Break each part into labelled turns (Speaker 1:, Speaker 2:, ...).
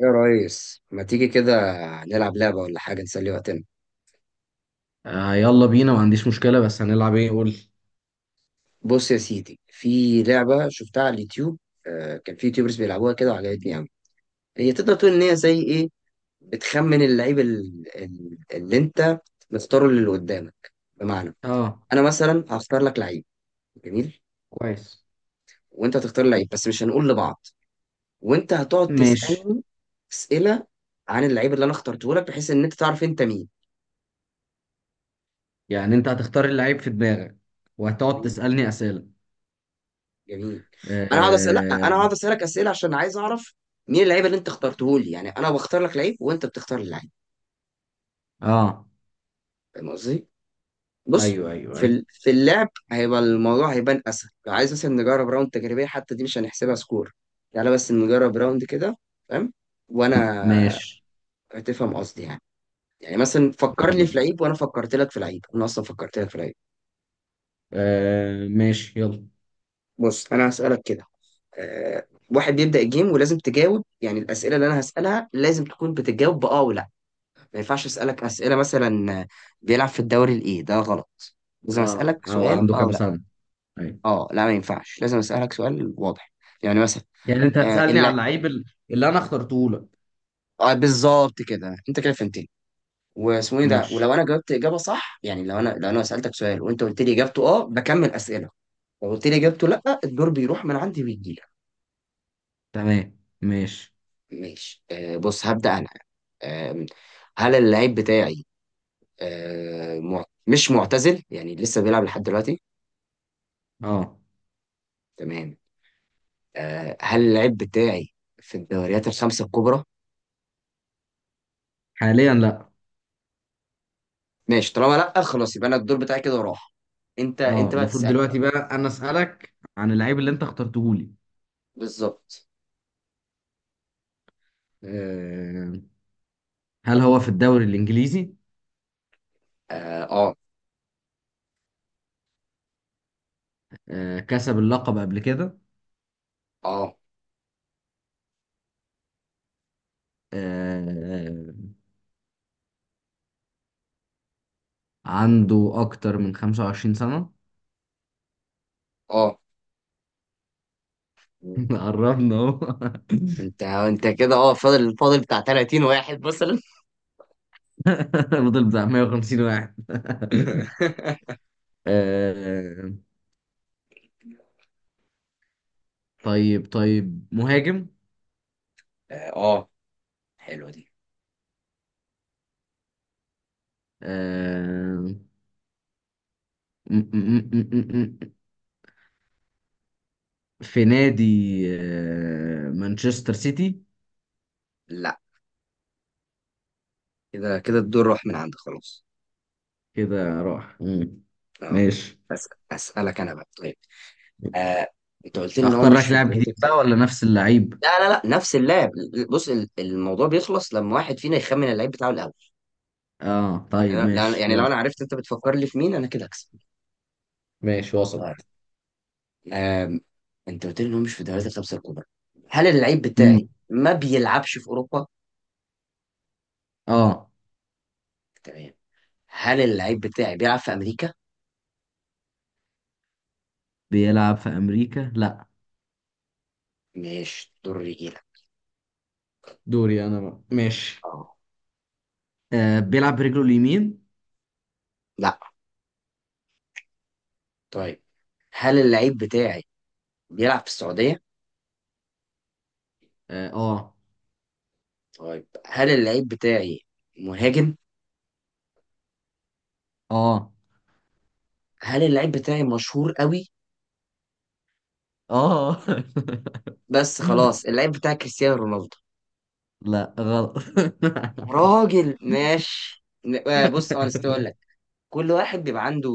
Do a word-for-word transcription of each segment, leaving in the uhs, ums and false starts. Speaker 1: يا ريس ما تيجي كده نلعب لعبة ولا حاجة نسلي وقتنا.
Speaker 2: آه يلا بينا، ما عنديش مشكلة، بس هنلعب ايه؟ قول لي.
Speaker 1: بص يا سيدي، في لعبة شفتها على اليوتيوب. آه، كان في يوتيوبرز بيلعبوها كده وعجبتني أوي. هي تقدر تقول إن هي زي إيه، بتخمن اللعيب ال- ال- اللي أنت مختاره اللي قدامك. بمعنى،
Speaker 2: اه،
Speaker 1: أنا مثلا هختار لك لعيب جميل،
Speaker 2: كويس.
Speaker 1: وأنت هتختار لعيب بس مش هنقول لبعض، وأنت هتقعد
Speaker 2: ماشي.
Speaker 1: تسألني أسئلة عن اللعيب اللي أنا اخترته لك، بحيث إن أنت تعرف أنت مين.
Speaker 2: يعني انت هتختار اللعيب في دماغك وهتقعد تسألني أسئلة؟
Speaker 1: جميل. انا هقعد اسال، لا انا
Speaker 2: اه،
Speaker 1: هقعد اسالك اسئله عشان عايز اعرف مين اللعيب اللي انت اخترته لي. يعني انا بختار لك لعيب وانت بتختار لي لعيب،
Speaker 2: آه.
Speaker 1: فاهم قصدي؟ بص،
Speaker 2: ايوه ايوه
Speaker 1: في
Speaker 2: ايوه،
Speaker 1: ال- في اللعب هيبقى الموضوع هيبان اسهل. لو عايز مثلا نجرب راوند تجريبيه، حتى دي مش هنحسبها سكور. تعالى بس نجرب راوند كده، فاهم؟ وانا
Speaker 2: ماشي
Speaker 1: هتفهم قصدي يعني. يعني مثلا فكر
Speaker 2: يلا
Speaker 1: لي في
Speaker 2: بينا.
Speaker 1: لعيب وانا فكرت لك في لعيب، انا اصلا فكرت لك في لعيب.
Speaker 2: آه ماشي، يلا.
Speaker 1: بص انا هسالك كده. أه، واحد بيبدا الجيم، ولازم تجاوب. يعني الاسئله اللي انا هسالها لازم تكون بتجاوب باه ولا. ما ينفعش اسالك اسئله مثلا بيلعب في الدوري الايه، ده غلط. لازم
Speaker 2: اه،
Speaker 1: اسالك
Speaker 2: هو
Speaker 1: سؤال
Speaker 2: عنده
Speaker 1: اه
Speaker 2: كام
Speaker 1: ولا.
Speaker 2: سنة؟ ايوه.
Speaker 1: اه، لا ما ينفعش، لازم اسالك سؤال واضح، يعني مثلا
Speaker 2: يعني انت
Speaker 1: آه
Speaker 2: هتسألني على
Speaker 1: الل-
Speaker 2: اللعيب ال- اللي انا اخترته لك؟
Speaker 1: آه، بالظبط كده، انت كده فهمتني. واسمه ايه ده.
Speaker 2: ماشي.
Speaker 1: ولو انا جاوبت اجابه صح، يعني لو انا لو انا سالتك سؤال وانت قلت لي اجابته اه، بكمل اسئله. لو قلت لي اجابته لا، الدور بيروح من عندي ويجي لك.
Speaker 2: تمام ماشي.
Speaker 1: ماشي. آه، بص هبدا انا. آه، هل اللعيب بتاعي آه مع... مش معتزل، يعني لسه بيلعب لحد دلوقتي؟
Speaker 2: اه.
Speaker 1: تمام. آه، هل اللعيب بتاعي في الدوريات الخمسة الكبرى؟
Speaker 2: حاليا لا.
Speaker 1: ماشي، طالما لا خلاص، يبقى انا الدور بتاعي كده راح. انت
Speaker 2: اه،
Speaker 1: انت بقى
Speaker 2: المفروض
Speaker 1: تسألني.
Speaker 2: دلوقتي بقى انا أسألك عن اللعيب اللي انت اخترته لي.
Speaker 1: بالظبط.
Speaker 2: آه، هل هو في الدوري الإنجليزي؟
Speaker 1: اه اه.
Speaker 2: آه، كسب اللقب قبل كده؟
Speaker 1: اه
Speaker 2: آه، عنده أكتر من 25 سنة؟
Speaker 1: اه.
Speaker 2: قربنا أهو.
Speaker 1: انت انت كده، اه، فاضل فاضل بتاع ثلاثين واحد مثلا.
Speaker 2: فضل بتاع 150 واحد. آه، طيب طيب مهاجم؟
Speaker 1: اه، آه، حلوة دي.
Speaker 2: آه، م- م- م- م- م- في نادي، آه، مانشستر سيتي؟
Speaker 1: لا، كده كده الدور راح من عندك خلاص.
Speaker 2: كده راح. مم.
Speaker 1: اه.
Speaker 2: ماشي،
Speaker 1: بس اسألك انا بقى طيب. آه، انت قلت لي ان هو
Speaker 2: اختار لك
Speaker 1: مش في
Speaker 2: لاعب جديد
Speaker 1: الدوريات الخمسة.
Speaker 2: بقى ولا نفس اللعيب؟
Speaker 1: لا لا لا، نفس اللعب. بص، ال- الموضوع بيخلص لما واحد فينا يخمن اللعيب بتاعه الاول.
Speaker 2: اه طيب
Speaker 1: يعني أنا- لا
Speaker 2: ماشي
Speaker 1: يعني لو انا
Speaker 2: يلا.
Speaker 1: عرفت انت بتفكر لي في مين، انا كده هكسب.
Speaker 2: ماشي
Speaker 1: طيب.
Speaker 2: وسط.
Speaker 1: آم، انت قلت لي انه مش في الدوريات الخمسه الكبرى. هل اللعيب بتاعي
Speaker 2: مم.
Speaker 1: ما بيلعبش في اوروبا؟
Speaker 2: اه.
Speaker 1: تمام. هل اللعيب بتاعي بيلعب في امريكا؟
Speaker 2: بيلعب في امريكا؟ لا،
Speaker 1: مش دور رجيله.
Speaker 2: دوري انا بقى، ماشي.
Speaker 1: اه.
Speaker 2: آه، بيلعب برجله اليمين؟
Speaker 1: لا. طيب، هل اللعيب بتاعي بيلعب في السعوديه؟
Speaker 2: اه
Speaker 1: طيب، هل اللعيب بتاعي مهاجم؟
Speaker 2: اه
Speaker 1: هل اللعيب بتاعي مشهور قوي؟
Speaker 2: اه. آه.
Speaker 1: بس خلاص، اللعيب بتاعي كريستيانو رونالدو.
Speaker 2: لا غلط.
Speaker 1: راجل ماشي ن- آه، بص، اه نسيت اقول لك. كل واحد بيبقى عنده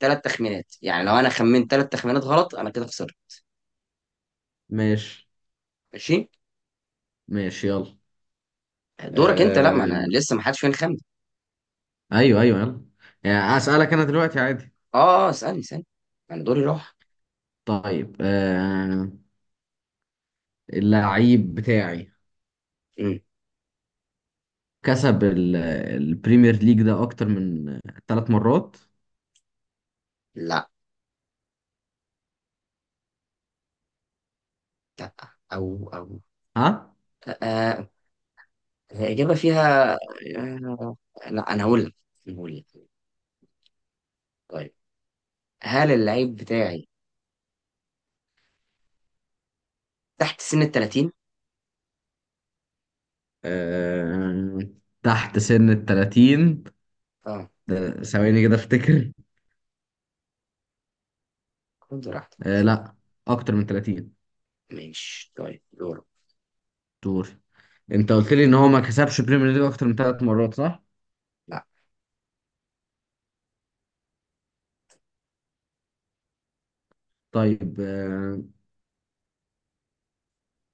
Speaker 1: ثلاث تخمينات. يعني لو انا خمنت ثلاث تخمينات غلط، انا كده خسرت.
Speaker 2: ماشي
Speaker 1: ماشي.
Speaker 2: ماشي يلا.
Speaker 1: دورك انت. لا ما انا
Speaker 2: آه،
Speaker 1: لسه ما حدش فين خمن.
Speaker 2: ايوه ايوه يلا. يعني اسالك انا دلوقتي عادي؟
Speaker 1: اه، اسالني اسالني، انا دوري راح.
Speaker 2: طيب. آه، اللعيب بتاعي
Speaker 1: امم
Speaker 2: كسب ال- البريمير ليج ده اكتر من ثلاث مرات؟
Speaker 1: لا لا. او او.
Speaker 2: ها؟
Speaker 1: آه، الاجابه فيها آه، لا انا هقول لك، أنا هقول لك. طيب، هل اللعيب بتاعي تحت سن ال ثلاثين؟
Speaker 2: آه، تحت سن ال التلاتين؟
Speaker 1: اه،
Speaker 2: ده ثواني كده افتكر.
Speaker 1: خد راحتك
Speaker 2: آه،
Speaker 1: شوف.
Speaker 2: لا، اكتر من تلاتين.
Speaker 1: ماشي طيب، دورك.
Speaker 2: دور. انت قلت لي ان هو ما كسبش بريمير ليج اكتر من ثلاث مرات، صح؟
Speaker 1: لا.
Speaker 2: طيب، آه،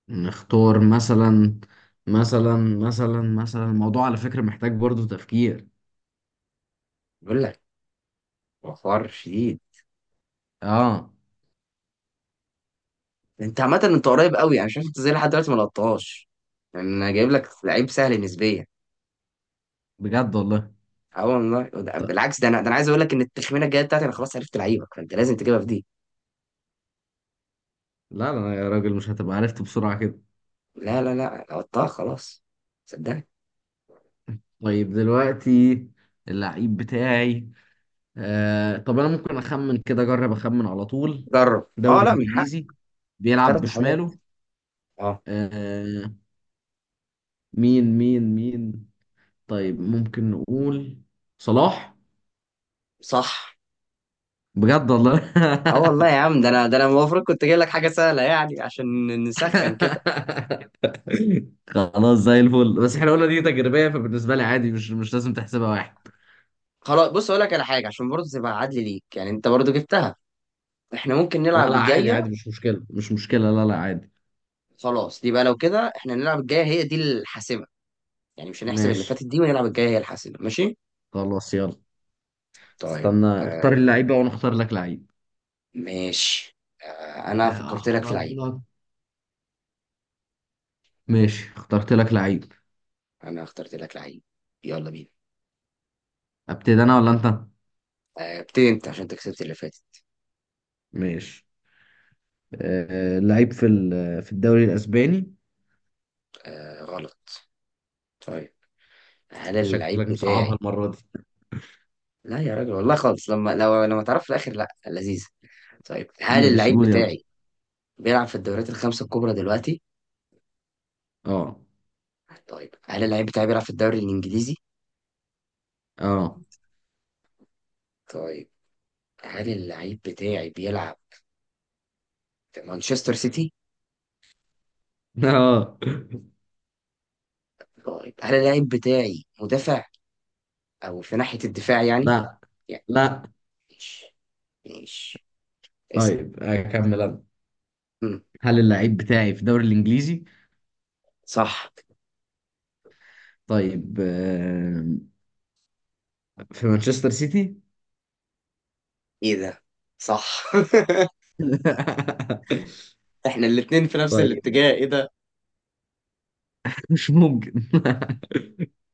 Speaker 2: نختار مثلا مثلا مثلا مثلا الموضوع على فكرة محتاج برضو تفكير.
Speaker 1: بقول لك، وفار شديد.
Speaker 2: اه،
Speaker 1: انت عامة انت قريب قوي، يعني شايف انت زي لحد دلوقتي ما لقطتهاش، يعني انا جايب لك لعيب سهل نسبيا.
Speaker 2: بجد والله.
Speaker 1: اه والله، وده-
Speaker 2: ط-
Speaker 1: بالعكس، ده انا ده انا عايز اقول لك ان التخمينه الجايه بتاعتي، انا خلاص عرفت لعيبك، فانت لازم تجيبها في دي.
Speaker 2: لا لا يا راجل، مش هتبقى عرفت بسرعة كده.
Speaker 1: لا لا لا، لقطتها خلاص، صدقني.
Speaker 2: طيب دلوقتي، اللعيب بتاعي، آه طب انا ممكن اخمن كده، اجرب اخمن على طول.
Speaker 1: جرب، اه
Speaker 2: دوري
Speaker 1: لا من حق
Speaker 2: انجليزي، بيلعب
Speaker 1: ثلاث محاولات.
Speaker 2: بشماله،
Speaker 1: اه.
Speaker 2: آه، مين مين مين؟ طيب ممكن نقول صلاح.
Speaker 1: صح.
Speaker 2: بجد والله.
Speaker 1: اه والله يا عم، ده انا ده انا المفروض كنت جايب لك حاجه سهله يعني عشان نسخن كده.
Speaker 2: خلاص، زي الفل، بس احنا قلنا دي تجريبية، فبالنسبة لي عادي، مش مش لازم تحسبها واحد.
Speaker 1: خلاص، بص اقول لك على حاجه عشان برضه تبقى عدل ليك، يعني انت برضه جبتها، احنا ممكن
Speaker 2: لا
Speaker 1: نلعب
Speaker 2: لا، عادي
Speaker 1: الجايه.
Speaker 2: عادي، مش مشكلة مش مشكلة، لا لا، عادي.
Speaker 1: خلاص دي بقى، لو كده احنا نلعب الجايه هي دي الحاسمه. يعني مش هنحسب اللي
Speaker 2: ماشي،
Speaker 1: فاتت دي، ونلعب الجايه هي الحاسمه، ماشي؟
Speaker 2: خلاص يلا.
Speaker 1: طيب.
Speaker 2: استنى اختار
Speaker 1: آه
Speaker 2: اللعيب بقى وانا اختار لك لعيب.
Speaker 1: ماشي. آه انا
Speaker 2: آه،
Speaker 1: فكرت لك في
Speaker 2: اختار
Speaker 1: العيب.
Speaker 2: لك. ماشي، اخترت لك لعيب.
Speaker 1: انا اخترت لك لعيب، يلا بينا.
Speaker 2: ابتدي انا ولا انت؟
Speaker 1: آه، ابتدي انت عشان انت كسبت اللي فاتت.
Speaker 2: ماشي. آه، لعيب في ال- في الدوري الاسباني.
Speaker 1: آه غلط. طيب، هل
Speaker 2: انت
Speaker 1: اللعيب
Speaker 2: شكلك مصعبها
Speaker 1: بتاعي
Speaker 2: المره دي.
Speaker 1: لا يا راجل والله خالص، لما لو لما تعرف في الاخر لا لذيذ. طيب، هل
Speaker 2: ماشي
Speaker 1: اللعيب
Speaker 2: قول يلا.
Speaker 1: بتاعي بيلعب في الدوريات الخمسه الكبرى دلوقتي؟
Speaker 2: اه
Speaker 1: طيب، هل اللعيب بتاعي بيلعب في الدوري الانجليزي؟
Speaker 2: اه.
Speaker 1: طيب، هل اللعيب بتاعي بيلعب في مانشستر سيتي؟
Speaker 2: اه،
Speaker 1: طيب، هل اللعيب بتاعي مدافع او في ناحية الدفاع يعني؟
Speaker 2: لا
Speaker 1: يعني.
Speaker 2: لا.
Speaker 1: ماشي. ماشي. اسأل.
Speaker 2: طيب اكمل انا.
Speaker 1: مم.
Speaker 2: هل اللعيب بتاعي في الدوري الانجليزي؟
Speaker 1: صح.
Speaker 2: طيب آه، في مانشستر سيتي؟
Speaker 1: ايه ده، صح. احنا الاتنين في نفس
Speaker 2: طيب،
Speaker 1: الاتجاه، ايه ده.
Speaker 2: مش ممكن.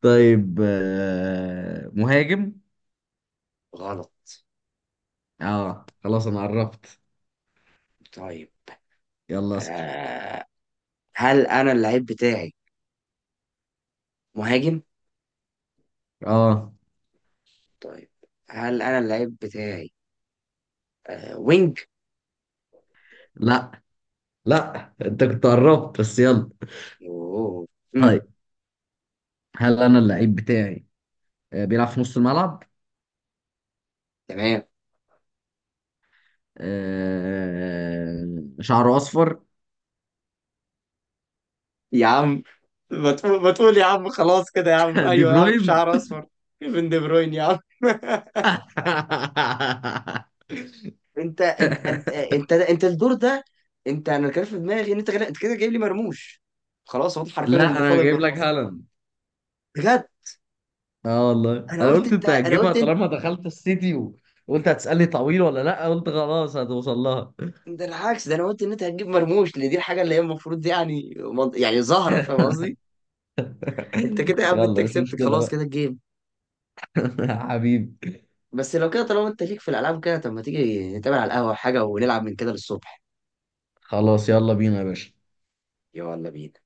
Speaker 2: طيب آه، مهاجم؟
Speaker 1: غلط.
Speaker 2: اه، خلاص انا عرفت.
Speaker 1: طيب.
Speaker 2: يلا اسال.
Speaker 1: آه. هل انا اللعيب بتاعي مهاجم؟
Speaker 2: اه،
Speaker 1: طيب، هل انا اللعيب بتاعي آه، وينج؟
Speaker 2: لا لا، انت كنت قربت بس يلا.
Speaker 1: اوه. مم.
Speaker 2: طيب، هل انا اللعيب بتاعي، آه، بيلعب في نص الملعب؟
Speaker 1: تمام.
Speaker 2: آه، شعره اصفر؟
Speaker 1: يا عم، ما تقول ما تقول يا عم، خلاص كده يا عم،
Speaker 2: دي
Speaker 1: ايوه يا عم
Speaker 2: بروين.
Speaker 1: شعر اصفر. كيفن دي بروين يا عم. انت انت انت انت انت الدور ده. انت، انا كان في دماغي ان انت غير- انت كده جايب لي مرموش، خلاص هو ده حرفيا
Speaker 2: لا،
Speaker 1: اللي
Speaker 2: انا
Speaker 1: فاضل
Speaker 2: جايب لك
Speaker 1: بالمواصفات.
Speaker 2: هالاند.
Speaker 1: بجد.
Speaker 2: اه والله،
Speaker 1: انا
Speaker 2: انا
Speaker 1: قلت
Speaker 2: قلت
Speaker 1: انت،
Speaker 2: انت
Speaker 1: انا
Speaker 2: هتجيبها
Speaker 1: قلت انت
Speaker 2: طالما دخلت السيتي، وقلت هتسألني طويل ولا لا، قلت خلاص هتوصل لها.
Speaker 1: ده العكس، ده انا قلت ان انت هتجيب مرموش، لان دي الحاجه اللي هي المفروض دي يعني منط- يعني زهره، فاهم قصدي؟ انت كده يا عم، انت
Speaker 2: يلا مش
Speaker 1: كسبت
Speaker 2: مشكلة
Speaker 1: خلاص
Speaker 2: بقى.
Speaker 1: كده الجيم.
Speaker 2: حبيبي،
Speaker 1: بس لو كده، طالما انت ليك في الالعاب كده، طب ما تيجي نتقابل على القهوه حاجه ونلعب من كده للصبح.
Speaker 2: خلاص يلا بينا يا باشا.
Speaker 1: يلا بينا.